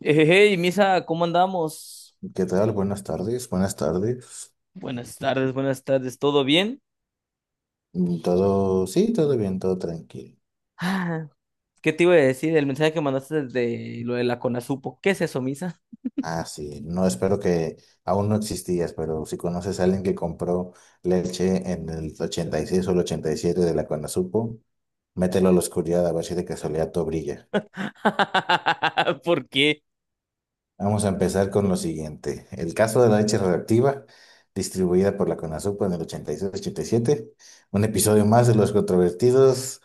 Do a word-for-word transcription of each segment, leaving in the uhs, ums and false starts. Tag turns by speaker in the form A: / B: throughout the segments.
A: Eh, Hey, Misa, ¿cómo andamos?
B: ¿Qué tal? Buenas tardes, buenas tardes.
A: Buenas tardes, buenas tardes, ¿todo bien?
B: Mm, Todo, sí, todo bien, todo tranquilo.
A: Ah, ¿qué te iba a decir? El mensaje que mandaste de lo de la Conasupo. ¿Qué es eso, Misa?
B: Ah, sí, no espero que aún no existías, pero si conoces a alguien que compró leche en el ochenta y seis o el ochenta y siete de la Conasupo, mételo a la oscuridad a ver si de casualidad todo brilla.
A: ¿Por qué?
B: Vamos a empezar con lo siguiente. El caso de la leche radioactiva, distribuida por la CONASUPO en el ochenta ochenta y seis y siete, un episodio más de los controvertidos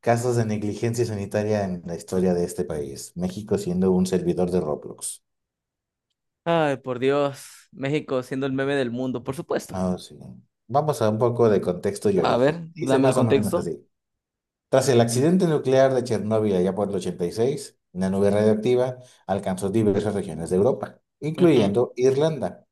B: casos de negligencia sanitaria en la historia de este país, México siendo un servidor de Roblox.
A: Ay, por Dios. México siendo el meme del mundo, por supuesto.
B: Ah, sí. Vamos a un poco de contexto y
A: A
B: origen.
A: ver,
B: Dice
A: dame el
B: más o menos
A: contexto.
B: así. Tras el accidente nuclear de Chernóbil allá por el ochenta y seis, una nube radioactiva alcanzó diversas regiones de Europa,
A: Ujú.
B: incluyendo Irlanda.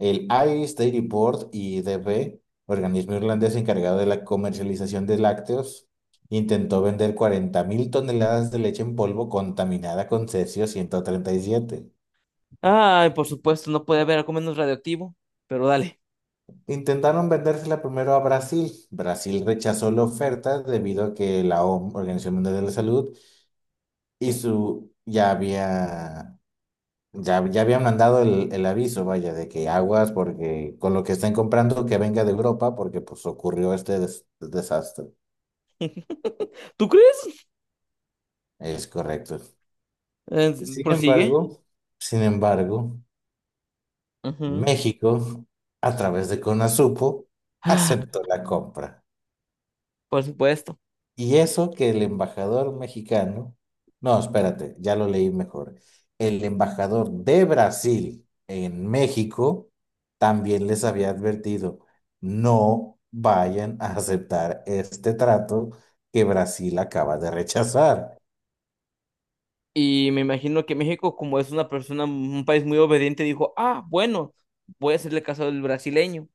B: El Irish Dairy Board, I D B, organismo irlandés encargado de la comercialización de lácteos, intentó vender cuarenta mil toneladas de leche en polvo contaminada con cesio ciento treinta y siete.
A: Ay, por supuesto, no puede haber algo menos radioactivo, pero dale.
B: Intentaron vendérsela primero a Brasil. Brasil rechazó la oferta debido a que la O M S, Organización Mundial de la Salud, y su ya había ya, ya habían mandado el, el aviso, vaya, de que aguas porque con lo que están comprando que venga de Europa porque pues ocurrió este des- desastre.
A: ¿Tú crees?
B: Es correcto.
A: Eh,
B: Sin
A: prosigue.
B: embargo, sin embargo,
A: Ujú.
B: México, a través de CONASUPO,
A: Ah,
B: aceptó la compra.
A: por supuesto.
B: Y eso que el embajador mexicano, no, espérate, ya lo leí mejor. El embajador de Brasil en México también les había advertido, no vayan a aceptar este trato que Brasil acaba de rechazar.
A: Y me imagino que México, como es una persona, un país muy obediente, dijo, ah, bueno, voy a hacerle caso al brasileño.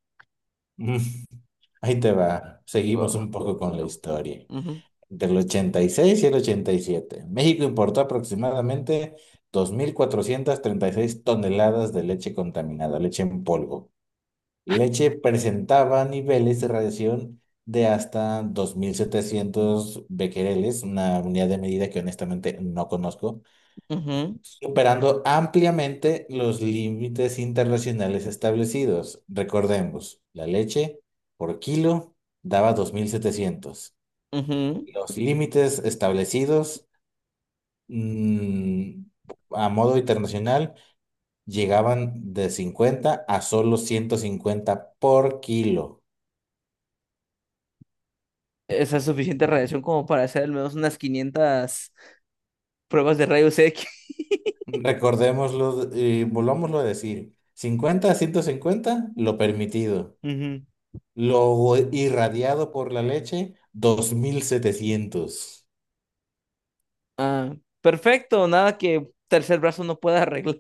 B: Ahí te va. Seguimos
A: Oh,
B: un
A: Dios
B: poco con la
A: mío.
B: historia.
A: Ujú,
B: Entre el ochenta y seis y seis y el ochenta y siete, México importó aproximadamente dos mil cuatrocientas treinta y seis toneladas de leche contaminada, leche en polvo. Leche presentaba niveles de radiación de hasta dos mil setecientos becquereles, una unidad de medida que honestamente no conozco,
A: ujú,
B: superando ampliamente los límites internacionales establecidos. Recordemos, la leche por kilo daba dos mil setecientos.
A: ujú.
B: Los límites establecidos mm, a modo internacional llegaban de cincuenta a solo ciento cincuenta por kilo.
A: Esa es suficiente radiación como para hacer al menos unas quinientas pruebas de rayos X.
B: Recordémoslo y volvámoslo a decir, cincuenta a ciento cincuenta lo permitido.
A: Ujú.
B: Lo irradiado por la leche, dos mil setecientos.
A: Ah, perfecto, nada que tercer brazo no pueda arreglar.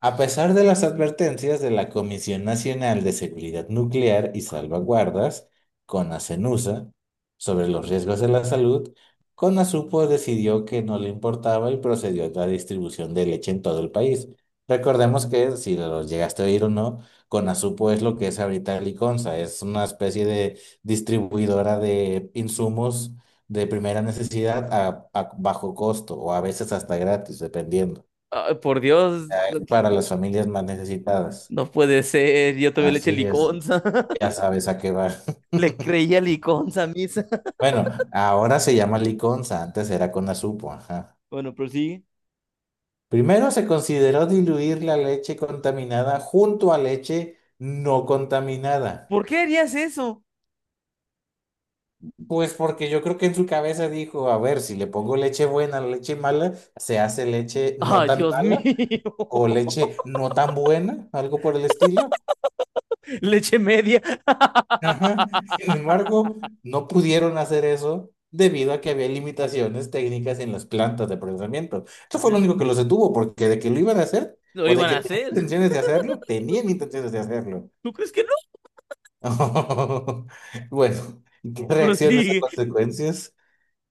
B: A pesar de las advertencias de la Comisión Nacional de Seguridad Nuclear y Salvaguardas, CONACENUSA, sobre los riesgos de la salud, CONASUPO decidió que no le importaba y procedió a la distribución de leche en todo el país. Recordemos que, si lo llegaste a oír o no, CONASUPO es lo que es ahorita Liconza, es una especie de distribuidora de insumos de primera necesidad a a bajo costo o a veces hasta gratis, dependiendo
A: Ay, por Dios,
B: es para las familias más necesitadas.
A: no puede ser. Yo también le eché
B: Así es,
A: liconza.
B: ya sabes a qué va.
A: Le creía liconza a misa.
B: Bueno, ahora se llama liconza, antes era Conasupo. Ajá.
A: Bueno, pero sí.
B: Primero se consideró diluir la leche contaminada junto a leche no contaminada.
A: ¿Por qué harías eso?
B: Pues porque yo creo que en su cabeza dijo, a ver, si le pongo leche buena a la leche mala, se hace leche no
A: Ay,
B: tan
A: Dios
B: mala
A: mío.
B: o leche no tan buena, algo por el estilo.
A: Leche media.
B: Ajá. Sin embargo, no pudieron hacer eso debido a que había limitaciones técnicas en las plantas de procesamiento. Eso fue lo
A: Ujú.
B: único que los detuvo, porque de que lo iban a hacer
A: Lo
B: o de
A: iban
B: que
A: a
B: tenían
A: hacer.
B: intenciones de hacerlo, tenían intenciones de hacerlo.
A: ¿Tú crees que no?
B: Bueno, ¿qué reacciones o
A: Prosigue.
B: consecuencias?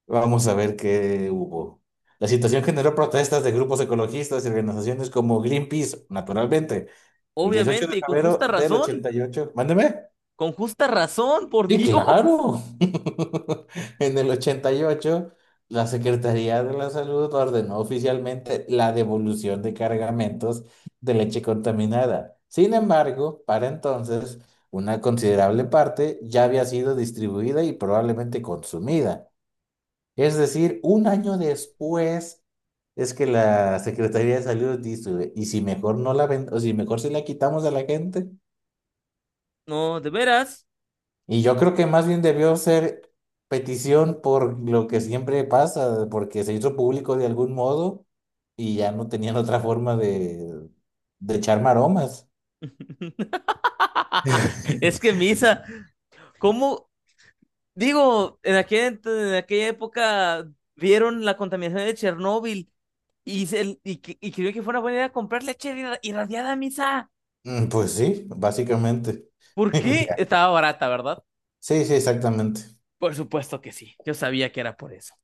B: Vamos a ver qué hubo. La situación generó protestas de grupos ecologistas y organizaciones como Greenpeace, naturalmente, el dieciocho de
A: Obviamente, y con justa
B: febrero del
A: razón.
B: ochenta y ocho. Mándeme.
A: Con justa razón, por
B: Sí,
A: Dios.
B: claro. En el ochenta y ocho, la Secretaría de la Salud ordenó oficialmente la devolución de cargamentos de leche contaminada. Sin embargo, para entonces, una considerable parte ya había sido distribuida y probablemente consumida. Es decir, un año después es que la Secretaría de Salud dice, ¿y si mejor no la ven, o si mejor si la quitamos a la gente?
A: No, de veras.
B: Y yo creo que más bien debió ser petición por lo que siempre pasa, porque se hizo público de algún modo y ya no tenían otra forma de, de echar maromas.
A: Es que misa, ¿cómo? Digo, en aquel, en aquella época vieron la contaminación de Chernóbil y, se, y, que- y creyó que fuera buena idea comprar leche irra- irradiada, misa.
B: Mm, Pues sí, básicamente.
A: ¿Por qué?
B: Mira,
A: Estaba barata, ¿verdad?
B: sí, sí, exactamente.
A: Por supuesto que sí. Yo sabía que era por eso.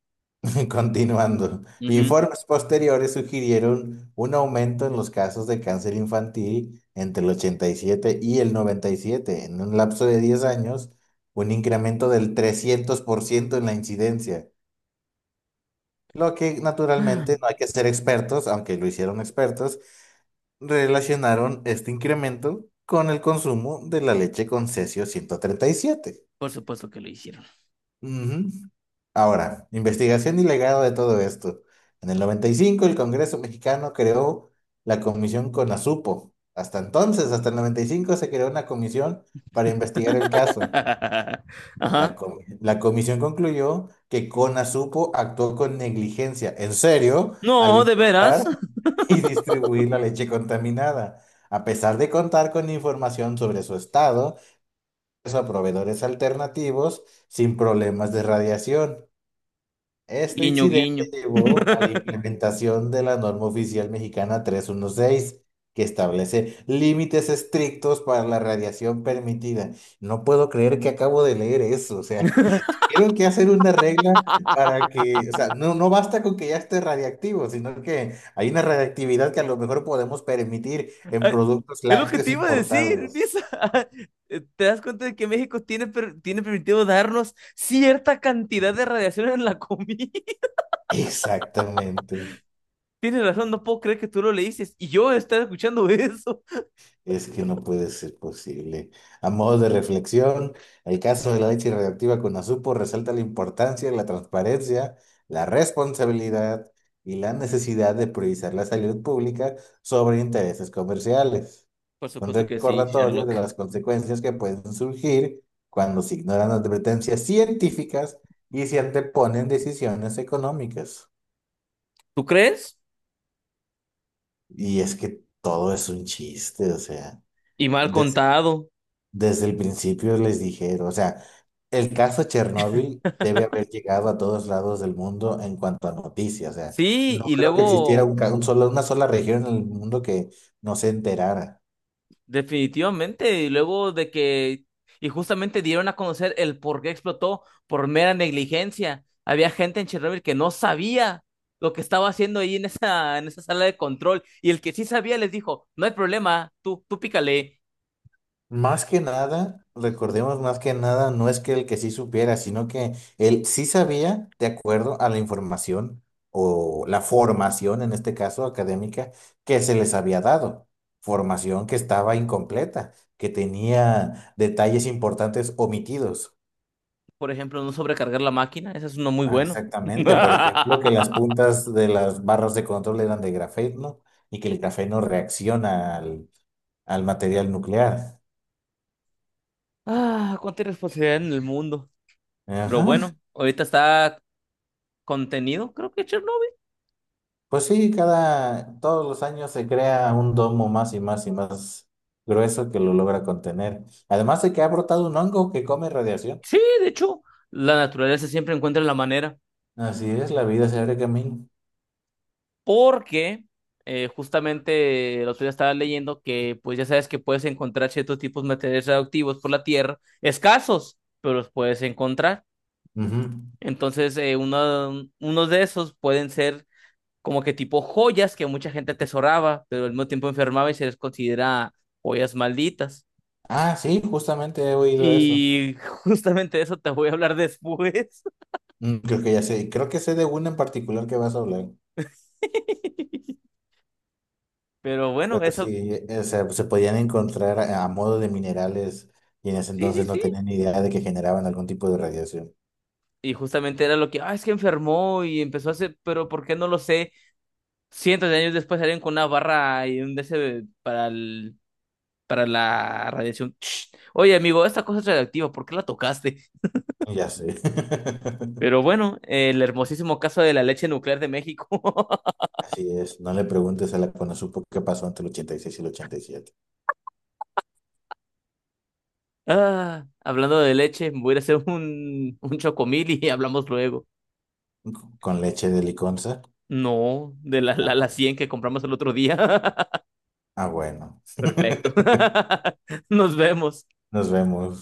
B: Continuando.
A: Ujú.
B: Informes posteriores sugirieron un aumento en los casos de cáncer infantil entre el ochenta y siete y el noventa y siete. En un lapso de diez años, un incremento del trescientos por ciento en la incidencia. Lo que naturalmente no hay que ser expertos, aunque lo hicieron expertos, relacionaron este incremento con el consumo de la leche con cesio ciento treinta y siete.
A: Por supuesto que lo hicieron.
B: Ujú. Ahora, investigación y legado de todo esto. En el noventa y cinco el Congreso mexicano creó la comisión CONASUPO. Hasta entonces, hasta el noventa y cinco se creó una comisión para investigar el caso.
A: Ajá.
B: La, com- la comisión concluyó que Conasupo actuó con negligencia, en serio, al
A: No, de veras.
B: importar y distribuir la leche contaminada, a pesar de contar con información sobre su estado, a proveedores alternativos sin problemas de radiación. Este
A: Guiño, guiño.
B: incidente llevó a la implementación de la norma oficial mexicana trescientos dieciséis, que establece límites estrictos para la radiación permitida. No puedo creer que acabo de leer eso, o sea. Tienen que hacer una regla para que, o sea, no, no basta con que ya esté radiactivo, sino que hay una radiactividad que a lo mejor podemos permitir en
A: Ay,
B: productos
A: es lo que
B: lácteos
A: te iba a decir,
B: importados.
A: Misa. ¿Te das cuenta de que México tiene, per- tiene permitido darnos cierta cantidad de radiación en la comida?
B: Exactamente.
A: Tienes razón, no puedo creer que tú lo le dices y yo estar escuchando eso.
B: Es que no puede ser posible. A modo de reflexión, el caso de la leche radioactiva con Azupo resalta la importancia, de la transparencia, la responsabilidad y la necesidad de priorizar la salud pública sobre intereses comerciales.
A: Por
B: Un
A: supuesto que sí,
B: recordatorio de
A: Sherlock.
B: las consecuencias que pueden surgir cuando se ignoran advertencias científicas y se anteponen decisiones económicas.
A: ¿Tú crees?
B: Y es que todo es un chiste, o sea.
A: Y mal contado.
B: Desde el principio les dijeron, o sea, el caso Chernóbil debe haber llegado a todos lados del mundo en cuanto a noticias, o sea,
A: Sí,
B: no
A: y
B: creo que existiera
A: luego
B: un, ca- un solo- una sola región en el mundo que no se enterara.
A: definitivamente, y luego de que, y justamente dieron a conocer el por qué explotó por mera negligencia. Había gente en Chernobyl que no sabía lo que estaba haciendo ahí en esa, en esa sala de control, y el que sí sabía les dijo, no hay problema, tú, tú pícale,
B: Más que nada, recordemos más que nada, no es que el que sí supiera, sino que él sí sabía de acuerdo a la información o la formación, en este caso académica, que se les había dado. Formación que estaba incompleta, que tenía detalles importantes omitidos.
A: por ejemplo, no sobrecargar la máquina, ese es uno muy
B: Ah,
A: bueno.
B: exactamente, por ejemplo, que las puntas de las barras de control eran de grafeno y que el grafeno reacciona al, al material nuclear.
A: Ah, cuánta irresponsabilidad en el mundo. Pero
B: Ajá.
A: bueno, ahorita está contenido, creo que Chernobyl.
B: Pues sí, cada, todos los años se crea un domo más y más y más grueso que lo logra contener. Además de que ha brotado un hongo que come radiación.
A: Sí, de hecho, la naturaleza siempre encuentra la manera.
B: Así es, la vida se abre camino.
A: Porque eh, justamente el otro día estaba leyendo que pues ya sabes que puedes encontrar ciertos tipos de materiales radioactivos por la Tierra, escasos, pero los puedes encontrar.
B: Ujú.
A: Entonces, eh, uno, unos de esos pueden ser como que tipo joyas que mucha gente atesoraba, pero al mismo tiempo enfermaba y se les considera joyas malditas.
B: Ah, sí, justamente he oído eso.
A: Y justamente de eso te voy a hablar después.
B: Mm, Creo que ya sé, creo que sé de una en particular que vas a hablar.
A: Pero bueno,
B: Pero
A: eso,
B: sí, eh, o sea, se podían encontrar a, a modo de minerales y en ese
A: sí, sí,
B: entonces no
A: sí.
B: tenían ni idea de que generaban algún tipo de radiación.
A: Y justamente era lo que, ah, es que enfermó y empezó a hacer, pero ¿por qué no lo sé? Cientos de años después salieron con una barra y un D C para el, para la radiación. Oye, amigo, esta cosa es radioactiva, ¿por qué la tocaste?
B: Ya sé.
A: Pero bueno, el hermosísimo caso de la leche nuclear de México.
B: Así es, no le preguntes a la Conosupo qué pasó entre el ochenta y seis y el ochenta y siete.
A: Ah, hablando de leche, voy a ir a hacer un, un chocomil y hablamos luego.
B: Con leche de liconza.
A: No, de la,
B: Ah,
A: la, la
B: bueno.
A: cien que compramos el otro día.
B: Ah, bueno.
A: Perfecto. Nos vemos.
B: Nos vemos.